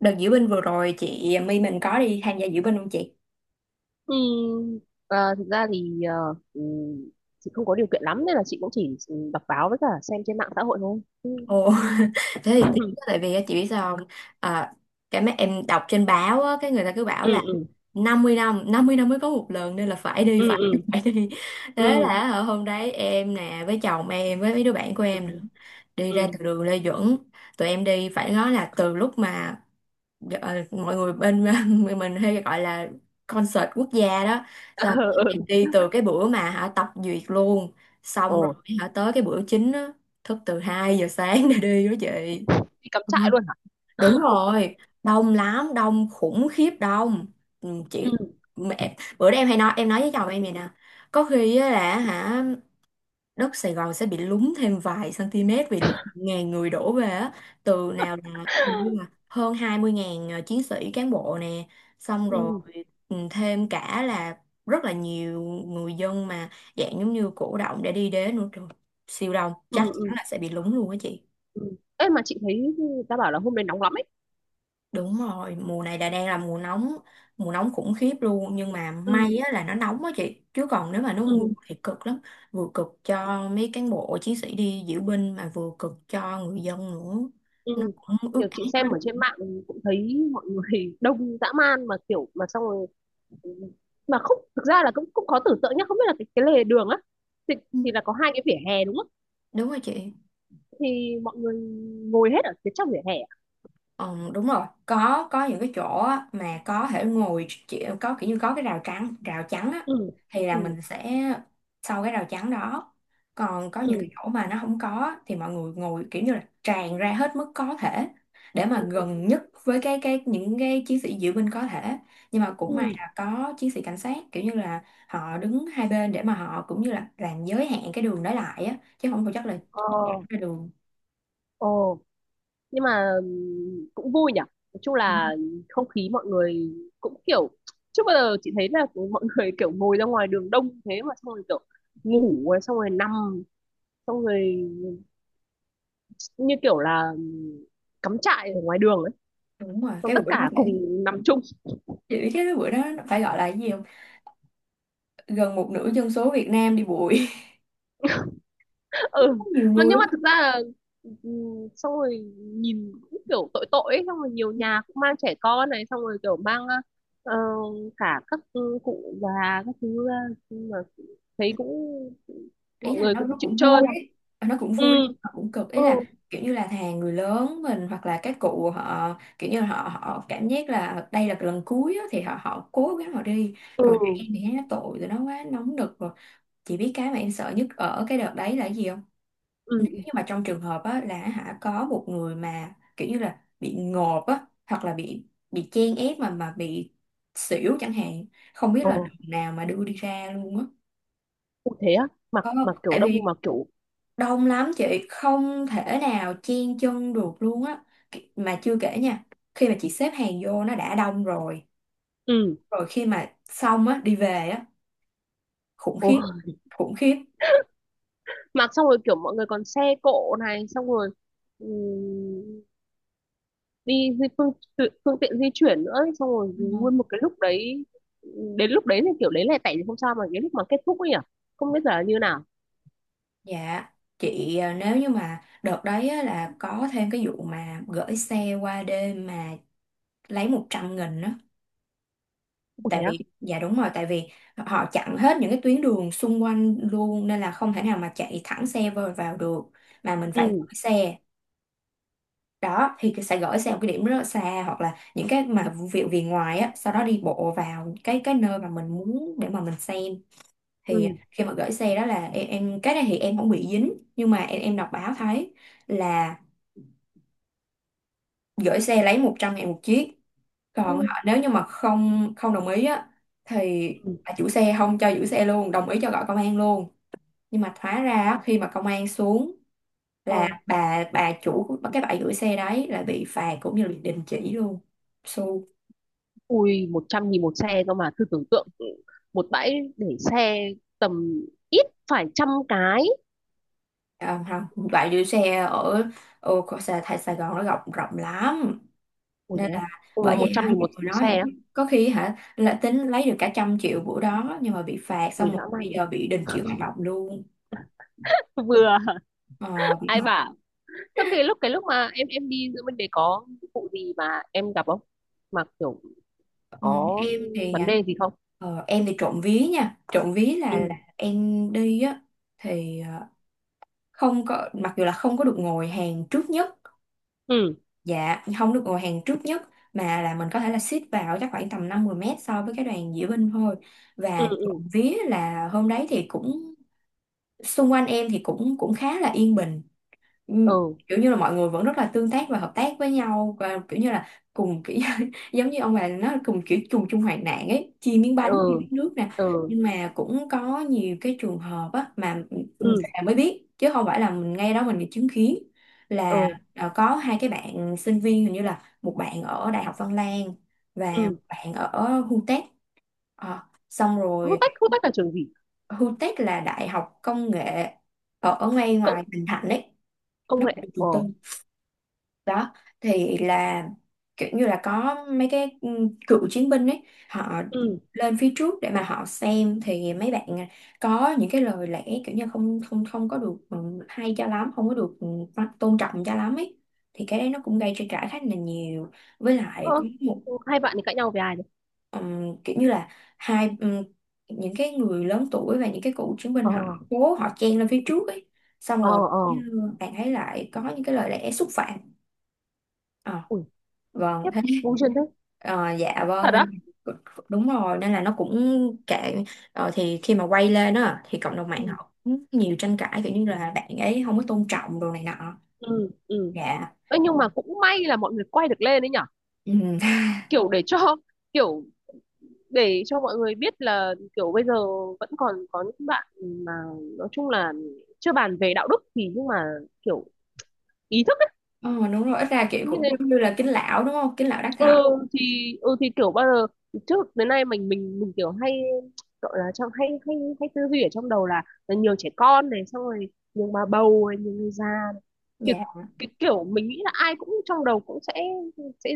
Đợt diễu binh vừa rồi chị My mình có đi tham gia diễu binh không chị? Ừ, thực ra thì ừ, chị không có điều kiện lắm nên là chị cũng chỉ đọc báo với cả xem trên mạng xã hội thôi. Ừ. Ồ, thế thì tiếc quá, tại vì á, chị biết sao không? À, cái mấy em đọc trên báo á, cái người ta cứ bảo ừ là ừ 50 năm, 50 năm mới có một lần nên là phải đi, ừ phải ừ đi, phải đi. Thế ừ là ở hôm đấy em nè, với chồng em, với mấy đứa bạn của ừ em nữa, đi ừ ra từ đường Lê Duẩn. Tụi em đi phải nói là từ lúc mà mọi người bên mình hay gọi là concert quốc gia đó. Xong ừ em ừ đi từ cái bữa mà họ tập duyệt luôn. ồ. Xong rồi họ tới cái bữa chính đó thức từ 2 giờ sáng để đi đó chị. Đi cắm Ừ, trại luôn hả? đúng rồi, đông lắm, đông khủng khiếp đông. Ừ. Chị mẹ, bữa đó em hay nói, em nói với chồng em vậy nè, có khi á là hả đất Sài Gòn sẽ bị lún thêm vài cm vì lượng ngàn người đổ về á, từ nào là hình như là hơn 20.000 chiến sĩ cán bộ nè, xong rồi ừ thêm cả là rất là nhiều người dân mà dạng giống như cổ động để đi đến nữa trời, siêu đông, ừ chắc chắn ừ là sẽ bị lún luôn á chị. ừ. Ê, mà chị thấy người ta bảo là hôm đấy nóng lắm ấy. Đúng rồi, mùa này là đang là mùa nóng khủng khiếp luôn, nhưng mà may Ừ á, là nó nóng á chị, chứ còn nếu mà nó mưa ừ thì cực lắm, vừa cực cho mấy cán bộ chiến sĩ đi diễu binh mà vừa cực cho người dân nữa. Nó ừ. cũng ướt Kiểu át chị xem ở hết. trên mạng cũng thấy mọi người đông dã man mà kiểu mà xong rồi mà không, thực ra là cũng cũng khó tưởng tượng nhá, không biết là cái lề đường á thì, Ừ, thì là có hai cái vỉa hè đúng không, đúng rồi chị. thì mọi người ngồi hết ở phía trong vỉa hè à? Ờ, đúng rồi, có những cái chỗ á, mà có thể ngồi chỉ, có kiểu như có cái rào trắng, rào trắng á, Ừ thì là ừ mình sẽ sau cái rào trắng đó, còn có những ừ cái chỗ mà nó không có á, thì mọi người ngồi kiểu như là tràn ra hết mức có thể, để ừ mà gần nhất với cái những cái chiến sĩ diễu binh có thể. Nhưng mà cũng ừ. may là có chiến sĩ cảnh sát kiểu như là họ đứng hai bên để mà họ cũng như là làm giới hạn cái đường đó lại á, chứ không phải chắc là Ờ ra đường. ờ. Nhưng mà cũng vui nhỉ. Nói chung là không khí mọi người cũng kiểu, trước bao giờ chị thấy là mọi người kiểu ngồi ra ngoài đường đông thế mà xong rồi kiểu ngủ rồi xong rồi nằm xong rồi như kiểu là cắm trại ở ngoài đường ấy, Đúng rồi xong cái tất bữa đó cả phải. cùng nằm chung. Chị biết cái bữa đó nó phải gọi là cái gì không? Gần một nửa dân số Việt Nam đi bụi. Ừ. Nhiều Mà người nhưng mà lắm. thực ra là, ừ, xong rồi nhìn cũng kiểu tội tội ấy. Xong rồi nhiều nhà cũng mang trẻ con này xong rồi kiểu mang ờ, cả các cụ già các thứ ra, nhưng mà thấy cũng Ý mọi là người nó cũng nó chịu cũng chơi. vui ấy. Ờ, nó cũng Ừ vui, nó cũng cực. Ý ừ là kiểu như là thà người lớn mình hoặc là các cụ, họ kiểu như là họ họ cảm giác là đây là cái lần cuối á, thì họ họ cố gắng họ đi. ừ Còn trẻ em thì thấy nó tội rồi, nó quá nóng nực rồi. Chị biết cái mà em sợ nhất ở cái đợt đấy là cái gì không? ừ Nếu ừ. như mà trong trường hợp á, là hả có một người mà kiểu như là bị ngộp á, hoặc là bị chen ép mà bị xỉu chẳng hạn, không biết Ờ, là đường nào mà đưa đi ra luôn á, cũng thế á. Mặc có không? mặc kiểu Tại đông vì mặc kiểu đông lắm chị, không thể nào chen chân được luôn á. Mà chưa kể nha, khi mà chị xếp hàng vô nó đã đông rồi, ừ. rồi khi mà xong á đi về á, khủng Ồ. khiếp, khủng khiếp. Mặc xong rồi kiểu mọi người còn xe cộ này xong rồi, ừ, đi di phương phương tiện di chuyển nữa ấy, xong rồi nguyên một cái lúc đấy, đến lúc đấy thì kiểu đấy lẻ tẻ thì không sao mà cái lúc mà kết thúc ấy nhỉ, không biết giờ là như nào. Dạ, chị à, nếu như mà đợt đấy á, là có thêm cái vụ mà gửi xe qua đêm mà lấy 100.000 á. Ủa Tại thế à? vì, dạ đúng rồi, tại vì họ chặn hết những cái tuyến đường xung quanh luôn, nên là không thể nào mà chạy thẳng xe vào, được, mà mình phải Ừ gửi xe. Đó, thì sẽ gửi xe một cái điểm rất là xa, hoặc là những cái mà vụ việc về ngoài á, sau đó đi bộ vào cái nơi mà mình muốn để mà mình xem. Thì ừ khi mà gửi xe đó là em cái này thì em không bị dính, nhưng mà em đọc báo thấy là gửi xe lấy 100.000 một chiếc, ừ còn họ nếu như mà không không đồng ý á, thì ừ. bà chủ xe không cho giữ xe luôn, đồng ý cho gọi công an luôn. Nhưng mà hóa ra á, khi mà công an xuống là Ờ. bà chủ của cái bãi giữ xe đấy là bị phạt, cũng như là đình chỉ luôn. su Ui một trăm nghìn một xe cơ mà, thử tưởng tượng một bãi để xe tầm ít phải trăm cái. À, không, bãi giữ xe ở ở Sài, Sài Sài Gòn nó rộng rộng lắm, Ui thế nên à? là bởi Ui một vậy trăm hả nghìn nhiều một, người một nói xe hả á. chứ, có khi hả là tính lấy được cả 100 triệu bữa đó, nhưng mà bị phạt, Ui xong dã rồi man bây nhỉ. giờ bị đình chỉ hoạt động luôn. Vừa Ờ, ai bảo. Thế cái lúc mà em đi giữa bên đấy có vụ gì mà em gặp không, mà kiểu ừ, có em thì vấn à, đề gì không? Em thì trộm vía nha, trộm vía Ừ là em đi á, thì không có, mặc dù là không có được ngồi hàng trước nhất, ừ dạ không được ngồi hàng trước nhất, mà là mình có thể là xít vào chắc khoảng tầm 50 mét so với cái đoàn diễu binh thôi. ừ Và trộm ừ vía là hôm đấy thì cũng xung quanh em thì cũng cũng khá là yên bình, ừ, ừ kiểu như là mọi người vẫn rất là tương tác và hợp tác với nhau, và kiểu như là cùng kiểu giống như ông bà nó, cùng kiểu chung chung hoạn nạn ấy, chia miếng bánh, chia ừ miếng nước nè. ừ Nhưng mà cũng có nhiều cái trường hợp á mà ừ về mới biết, chứ không phải là mình ngay đó mình chứng kiến, là ừ à, có hai cái bạn sinh viên, hình như là một bạn ở Đại học Văn Lang và một ừ. bạn ở HUTEC. Ờ, xong Hút rồi tách, hút tách là trường gì? HUTEC là đại học công nghệ ở, ở ngay Cộng, ngoài Bình Thạnh đấy, công nó nghệ. cũng là Ờ trường tư đó. Thì là kiểu như là có mấy cái cựu chiến binh ấy, họ ừ. lên phía trước để mà họ xem, thì mấy bạn à, có những cái lời lẽ kiểu như không không không có được, hay cho lắm, không có được, tôn trọng cho lắm ấy. Thì cái đấy nó cũng gây tranh cãi khá là nhiều, với lại Ơ, có một hai bạn thì cãi nhau về ai đấy? Kiểu như là hai những cái người lớn tuổi và những cái cựu chiến binh Ờ họ cố họ chen lên phía trước ấy, xong ờ rồi ờ. như bạn thấy lại có những cái lời lẽ xúc phạm. Ờ, Ui vâng khiếp, thế. vô duyên thế. Dạ Thật vâng á? nên đúng rồi, nên là nó cũng kệ. Thì khi mà quay lên á thì cộng đồng Ừ mạng họ cũng nhiều tranh cãi, kiểu như là bạn ấy không có tôn trọng đồ này nọ. ừ ừ. Dạ. Ê, nhưng mà cũng may là mọi người quay được lên đấy nhở, Ừ. kiểu để cho, kiểu để cho mọi người biết là kiểu bây giờ vẫn còn có những bạn mà, nói chung là chưa bàn về đạo đức thì nhưng mà kiểu ý thức ấy, Ờ, đúng rồi, ít ra kiểu như cũng thế. giống như là kính lão đúng không, kính lão đắc thọ. Ừ, thì ừ thì kiểu bao giờ trước đến nay mình kiểu hay gọi là trong hay hay hay tư duy ở trong đầu là nhiều trẻ con này xong rồi nhiều bà bầu này, nhiều người già này. Kiểu Dạ, cái kiểu mình nghĩ là ai cũng trong đầu cũng sẽ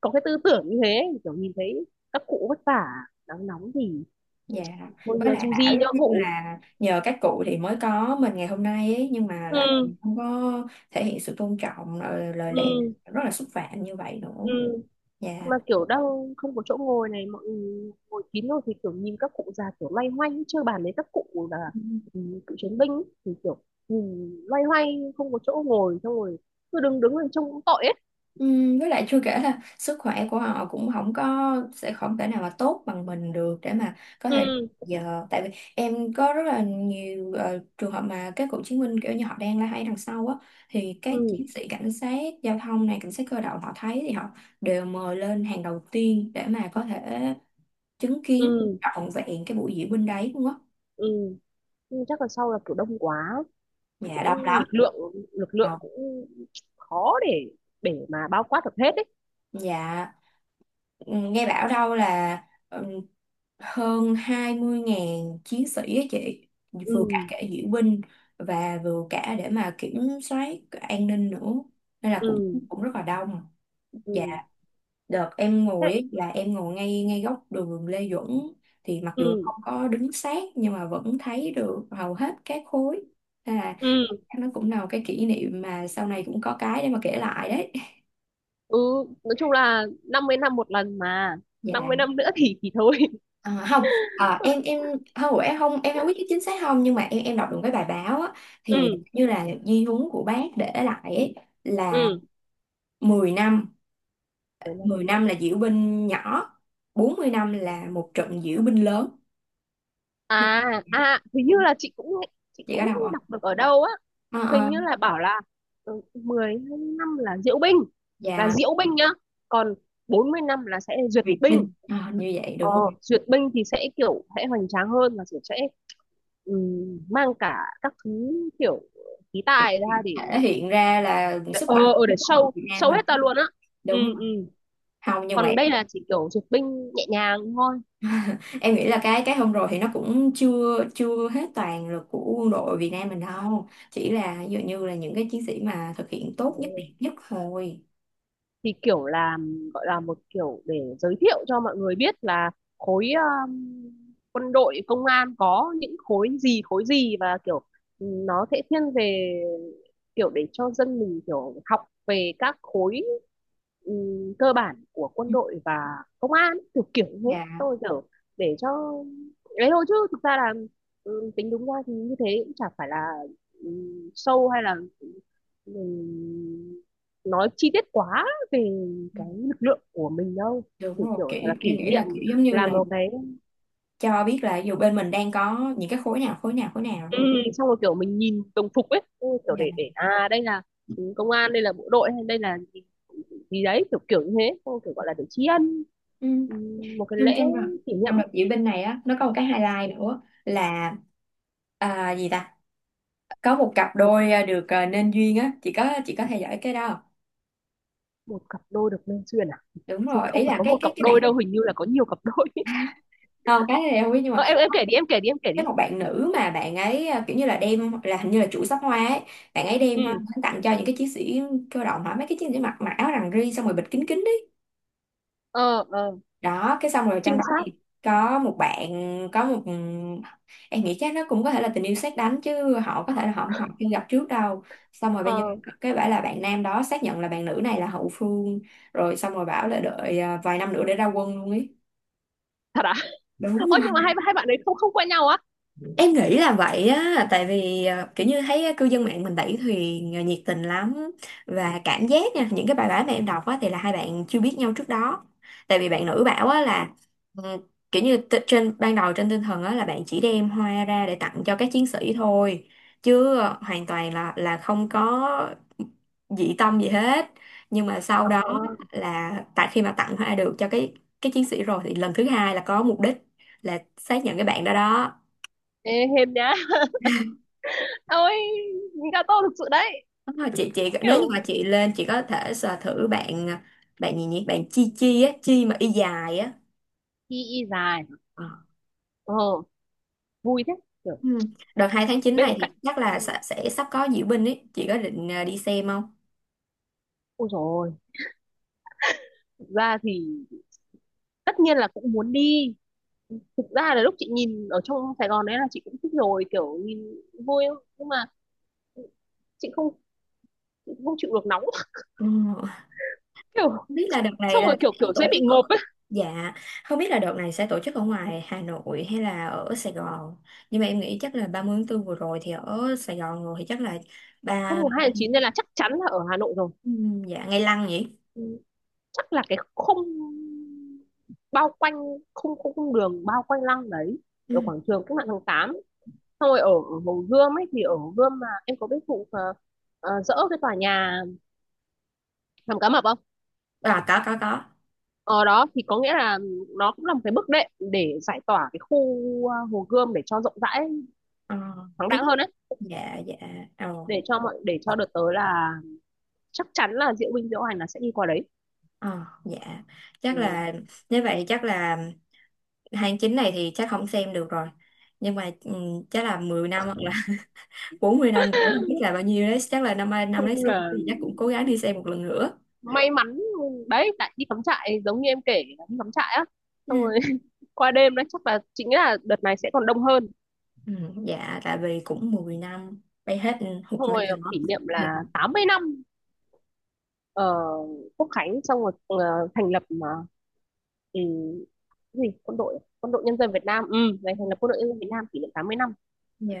có cái tư tưởng như thế, kiểu nhìn thấy các cụ vất vả nắng nóng thì dạ. thôi Với lại du bảo di giống nhỡ như cụ. là nhờ các cụ thì mới có mình ngày hôm nay ấy, nhưng mà lại Ừ không có thể hiện sự tôn trọng, lời lẽ ừ rất là xúc phạm như vậy nữa. ừ. Dạ. Mà kiểu đang không có chỗ ngồi này, mọi người ngồi kín rồi thì kiểu nhìn các cụ già kiểu loay hoay, chưa bàn đến các cụ là ừ, cựu chiến binh ấy, thì kiểu nhìn loay hoay không có chỗ ngồi xong rồi cứ đứng đứng lên trông cũng tội ấy. Với lại chưa kể là sức khỏe của họ cũng không có, sẽ không thể nào mà tốt bằng mình được để mà có thể Ừ giờ. Tại vì em có rất là nhiều trường hợp mà các cựu chiến binh kiểu như họ đang la hay đằng sau á, thì các ừ chiến sĩ cảnh sát giao thông này, cảnh sát cơ động họ thấy thì họ đều mời lên hàng đầu tiên để mà có thể chứng kiến ừ trọn vẹn cái buổi diễu binh đấy luôn á. ừ. Nhưng chắc là sau là kiểu đông quá, Dạ đông cũng lắm, lực lượng, lực lượng đông. cũng khó để mà bao quát được hết ấy. Dạ. Ừ, nghe bảo đâu là ừ, hơn 20.000 chiến sĩ á chị, Ừ vừa cả cả diễu binh và vừa cả để mà kiểm soát an ninh nữa, nên là cũng ừ cũng rất là đông. Dạ. ừ Đợt em thế ngồi ấy, là em ngồi ngay ngay góc đường Lê Duẩn, thì mặc dù ừ không có đứng sát nhưng mà vẫn thấy được hầu hết các khối, nên là ừ nó cũng là một cái kỷ niệm mà sau này cũng có cái để mà kể lại đấy. ừ. Nói chung là 50 năm một lần mà, Dạ. 50 năm nữa thì thôi. À, không, em không, em không, em không biết chính xác không, nhưng mà em đọc được cái bài báo á, thì Ừ như là di huấn của bác để lại ấy, là ừ. 10 năm Cuối năm 10 này. năm là diễu binh nhỏ, 40 năm là một trận diễu binh lớn. À à, hình như là chị cũng nghe- chị Chị có cũng đọc không? đọc được ở đâu á, Ờ, hình ờ, như là bảo là 10 năm là diễu binh, là và diễu binh nhá, còn 40 năm là sẽ duyệt Việt binh. binh. Ờ, như vậy Ờ, đúng không? duyệt binh thì sẽ kiểu sẽ hoành tráng hơn và kiểu sẽ ừ, mang cả các thứ kiểu khí tài ra để Thể hiện ra là sức mạnh ờ để của show Việt Nam show mình, hết ta luôn á. Ừ đúng ừ. không? Không nhưng mà Còn đây là chỉ kiểu duyệt binh nhẹ nhàng thôi. em nghĩ là cái hôm rồi thì nó cũng chưa chưa hết toàn lực của quân đội Việt Nam mình đâu, chỉ là ví dụ như là những cái chiến sĩ mà thực hiện tốt nhất, đẹp nhất thôi. Thì kiểu là gọi là một kiểu để giới thiệu cho mọi người biết là khối um, quân đội công an có những khối gì khối gì, và kiểu nó sẽ thiên về kiểu để cho dân mình kiểu học về các khối cơ bản của quân đội và công an, kiểu kiểu như thế Dạ. tôi kiểu để cho đấy thôi. Chứ thực ra là tính đúng ra thì như thế cũng chả phải là sâu hay là mình nói chi tiết quá về cái lực lượng của mình đâu. Đúng Chỉ rồi, kiểu kiểu là em kỷ nghĩ niệm là kiểu giống như làm là một cái, cho biết là dù bên mình đang có những cái khối nào, khối nào, khối nào ừ, thôi. xong rồi kiểu mình nhìn đồng phục ấy, kiểu Dạ. Để à đây là công an, đây là bộ đội hay đây là gì, gì đấy kiểu kiểu như thế, xong rồi kiểu gọi là để tri ân, Ừ. ừ, một cái trong lễ kỷ niệm. trong đợt diễu binh này á, nó có một cái highlight nữa là, à, gì ta, có một cặp đôi, à, được, à, nên duyên á, chị có, chị có theo dõi cái đó không? Một cặp đôi được nên duyên à? Đúng Chứ rồi, không ý phải là có cái một cái cặp cái đôi đâu, hình như là có nhiều cặp đôi. Ờ, cái này không biết nhưng mà Ờ, em kể đi em kể đi em kể đi. cái một bạn nữ mà bạn ấy, à, kiểu như là đem, là hình như là chủ sắc hoa ấy, bạn ấy đem hoa Ừ. đến tặng cho những cái chiến sĩ cơ động hả, mấy cái chiến sĩ mặc mặc áo rằn ri xong rồi bịt kín kín đấy Ờ ờ. đó, cái xong rồi trong Trinh đó sát. thì có một bạn, có một ừ, em nghĩ chắc nó cũng có thể là tình yêu sét đánh chứ họ có thể là họ họ chưa gặp trước đâu, xong rồi bây giờ Ờ, cái bảo là bạn nam đó xác nhận là bạn nữ này là hậu phương rồi, xong rồi bảo là đợi, à, vài năm nữa để ra quân luôn ấy. thật à? Đúng. Ôi nhưng mà hai hai bạn đấy không, không quen nhau á. Em nghĩ là vậy á, tại vì kiểu như thấy cư dân mạng mình đẩy thuyền nhiệt tình lắm, và cảm giác nha, những cái bài báo mà em đọc á thì là hai bạn chưa biết nhau trước đó. Tại vì Ừ. bạn nữ bảo á là ừ, kiểu như trên ban đầu, trên tinh thần á là bạn chỉ đem hoa ra để tặng cho các chiến sĩ thôi, chứ hoàn toàn là không có dị tâm gì hết. Nhưng mà sau Ờ. đó là tại khi mà tặng hoa được cho cái chiến sĩ rồi thì lần thứ hai là có mục đích là xác nhận cái bạn đó đó. Ê, hên nhá. Ôi, Gato thực sự đấy. Đúng rồi, chị nếu như Kiểu mà chị lên chị có thể sờ thử bạn, bạn gì nhỉ, bạn chi chi á, chi mà y dài á. y y dài. Ờ. Ờ, vui thế. Kiểu Ừ. Đợt 2 tháng 9 bên này cạnh. thì chắc Ừ. là sẽ sắp có diễu binh ấy, chị có định, đi xem không? Ôi dồi ôi, thực ra thì tất nhiên là cũng muốn đi. Thực ra là lúc chị nhìn ở trong Sài Gòn đấy là chị cũng thích rồi, kiểu nhìn vui lắm. Nhưng mà chị không, chị không chịu được nóng. Ừ. Kiểu Không biết là đợt này xong rồi là kiểu sẽ kiểu tổ dễ bị chức ở... ngộp ấy. Dạ, không biết là đợt này sẽ tổ chức ở ngoài Hà Nội hay là ở Sài Gòn, nhưng mà em nghĩ chắc là 30 tháng 4 vừa rồi thì ở Sài Gòn rồi thì chắc là Không, ba, mùng 2 tháng 9 nên là chắc chắn là ở Hà Nội rồi. ừ, dạ ngày lăng nhỉ. Ừ. Chắc là cái khung bao quanh khung khung, khung đường bao quanh lăng đấy, ở Ừ. quảng trường Cách Mạng Tháng Tám, xong rồi ở Hồ Gươm ấy. Thì ở Hồ Gươm mà em có biết vụ dỡ cái tòa nhà Hàm Cá Mập không, À, có có. ở đó thì có nghĩa là nó cũng là một cái bước đệm để giải tỏa cái khu Hồ Gươm để cho rộng rãi Ờ. thoáng Tí. đãng hơn ấy, Dạ dạ. Ồ. để cho mọi, để cho đợt tới là chắc chắn là diễu binh diễu Hành là sẽ đi qua đấy. Ờ. Dạ. Chắc Ừ. là, nếu vậy chắc là tháng 9 này thì chắc không xem được rồi, nhưng mà chắc là 10 năm hoặc là 40 năm nữa không biết là bao nhiêu đấy, chắc là năm nay năm đấy Chung sáu là thì chắc cũng cố gắng đi xem một lần nữa. may mắn đấy, tại đi cắm trại giống như em kể là đi cắm trại á, xong Ừ. rồi qua đêm đấy chắc là chính là đợt này sẽ còn đông hơn, Ừ, dạ tại vì cũng 10 năm bay hết hụt xong bây rồi giờ đó kỷ niệm thì. là 80 năm ở Quốc Khánh xong rồi thành lập mà, ừ, cái gì quân đội nhân dân Việt Nam ừ ngày thành lập quân đội nhân dân Việt Nam kỷ niệm 80 năm,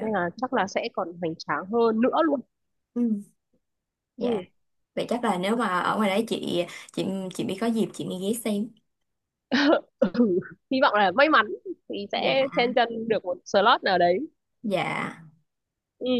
nên là chắc là sẽ còn hoành tráng hơn nữa luôn. Ừ. Dạ, Ừ. vậy chắc là nếu mà ở ngoài đấy chị chị mới có dịp chị đi ghé xem. Ừ. Hy vọng là may mắn thì Dạ. sẽ chen chân được một slot nào đấy. Dạ. Ừ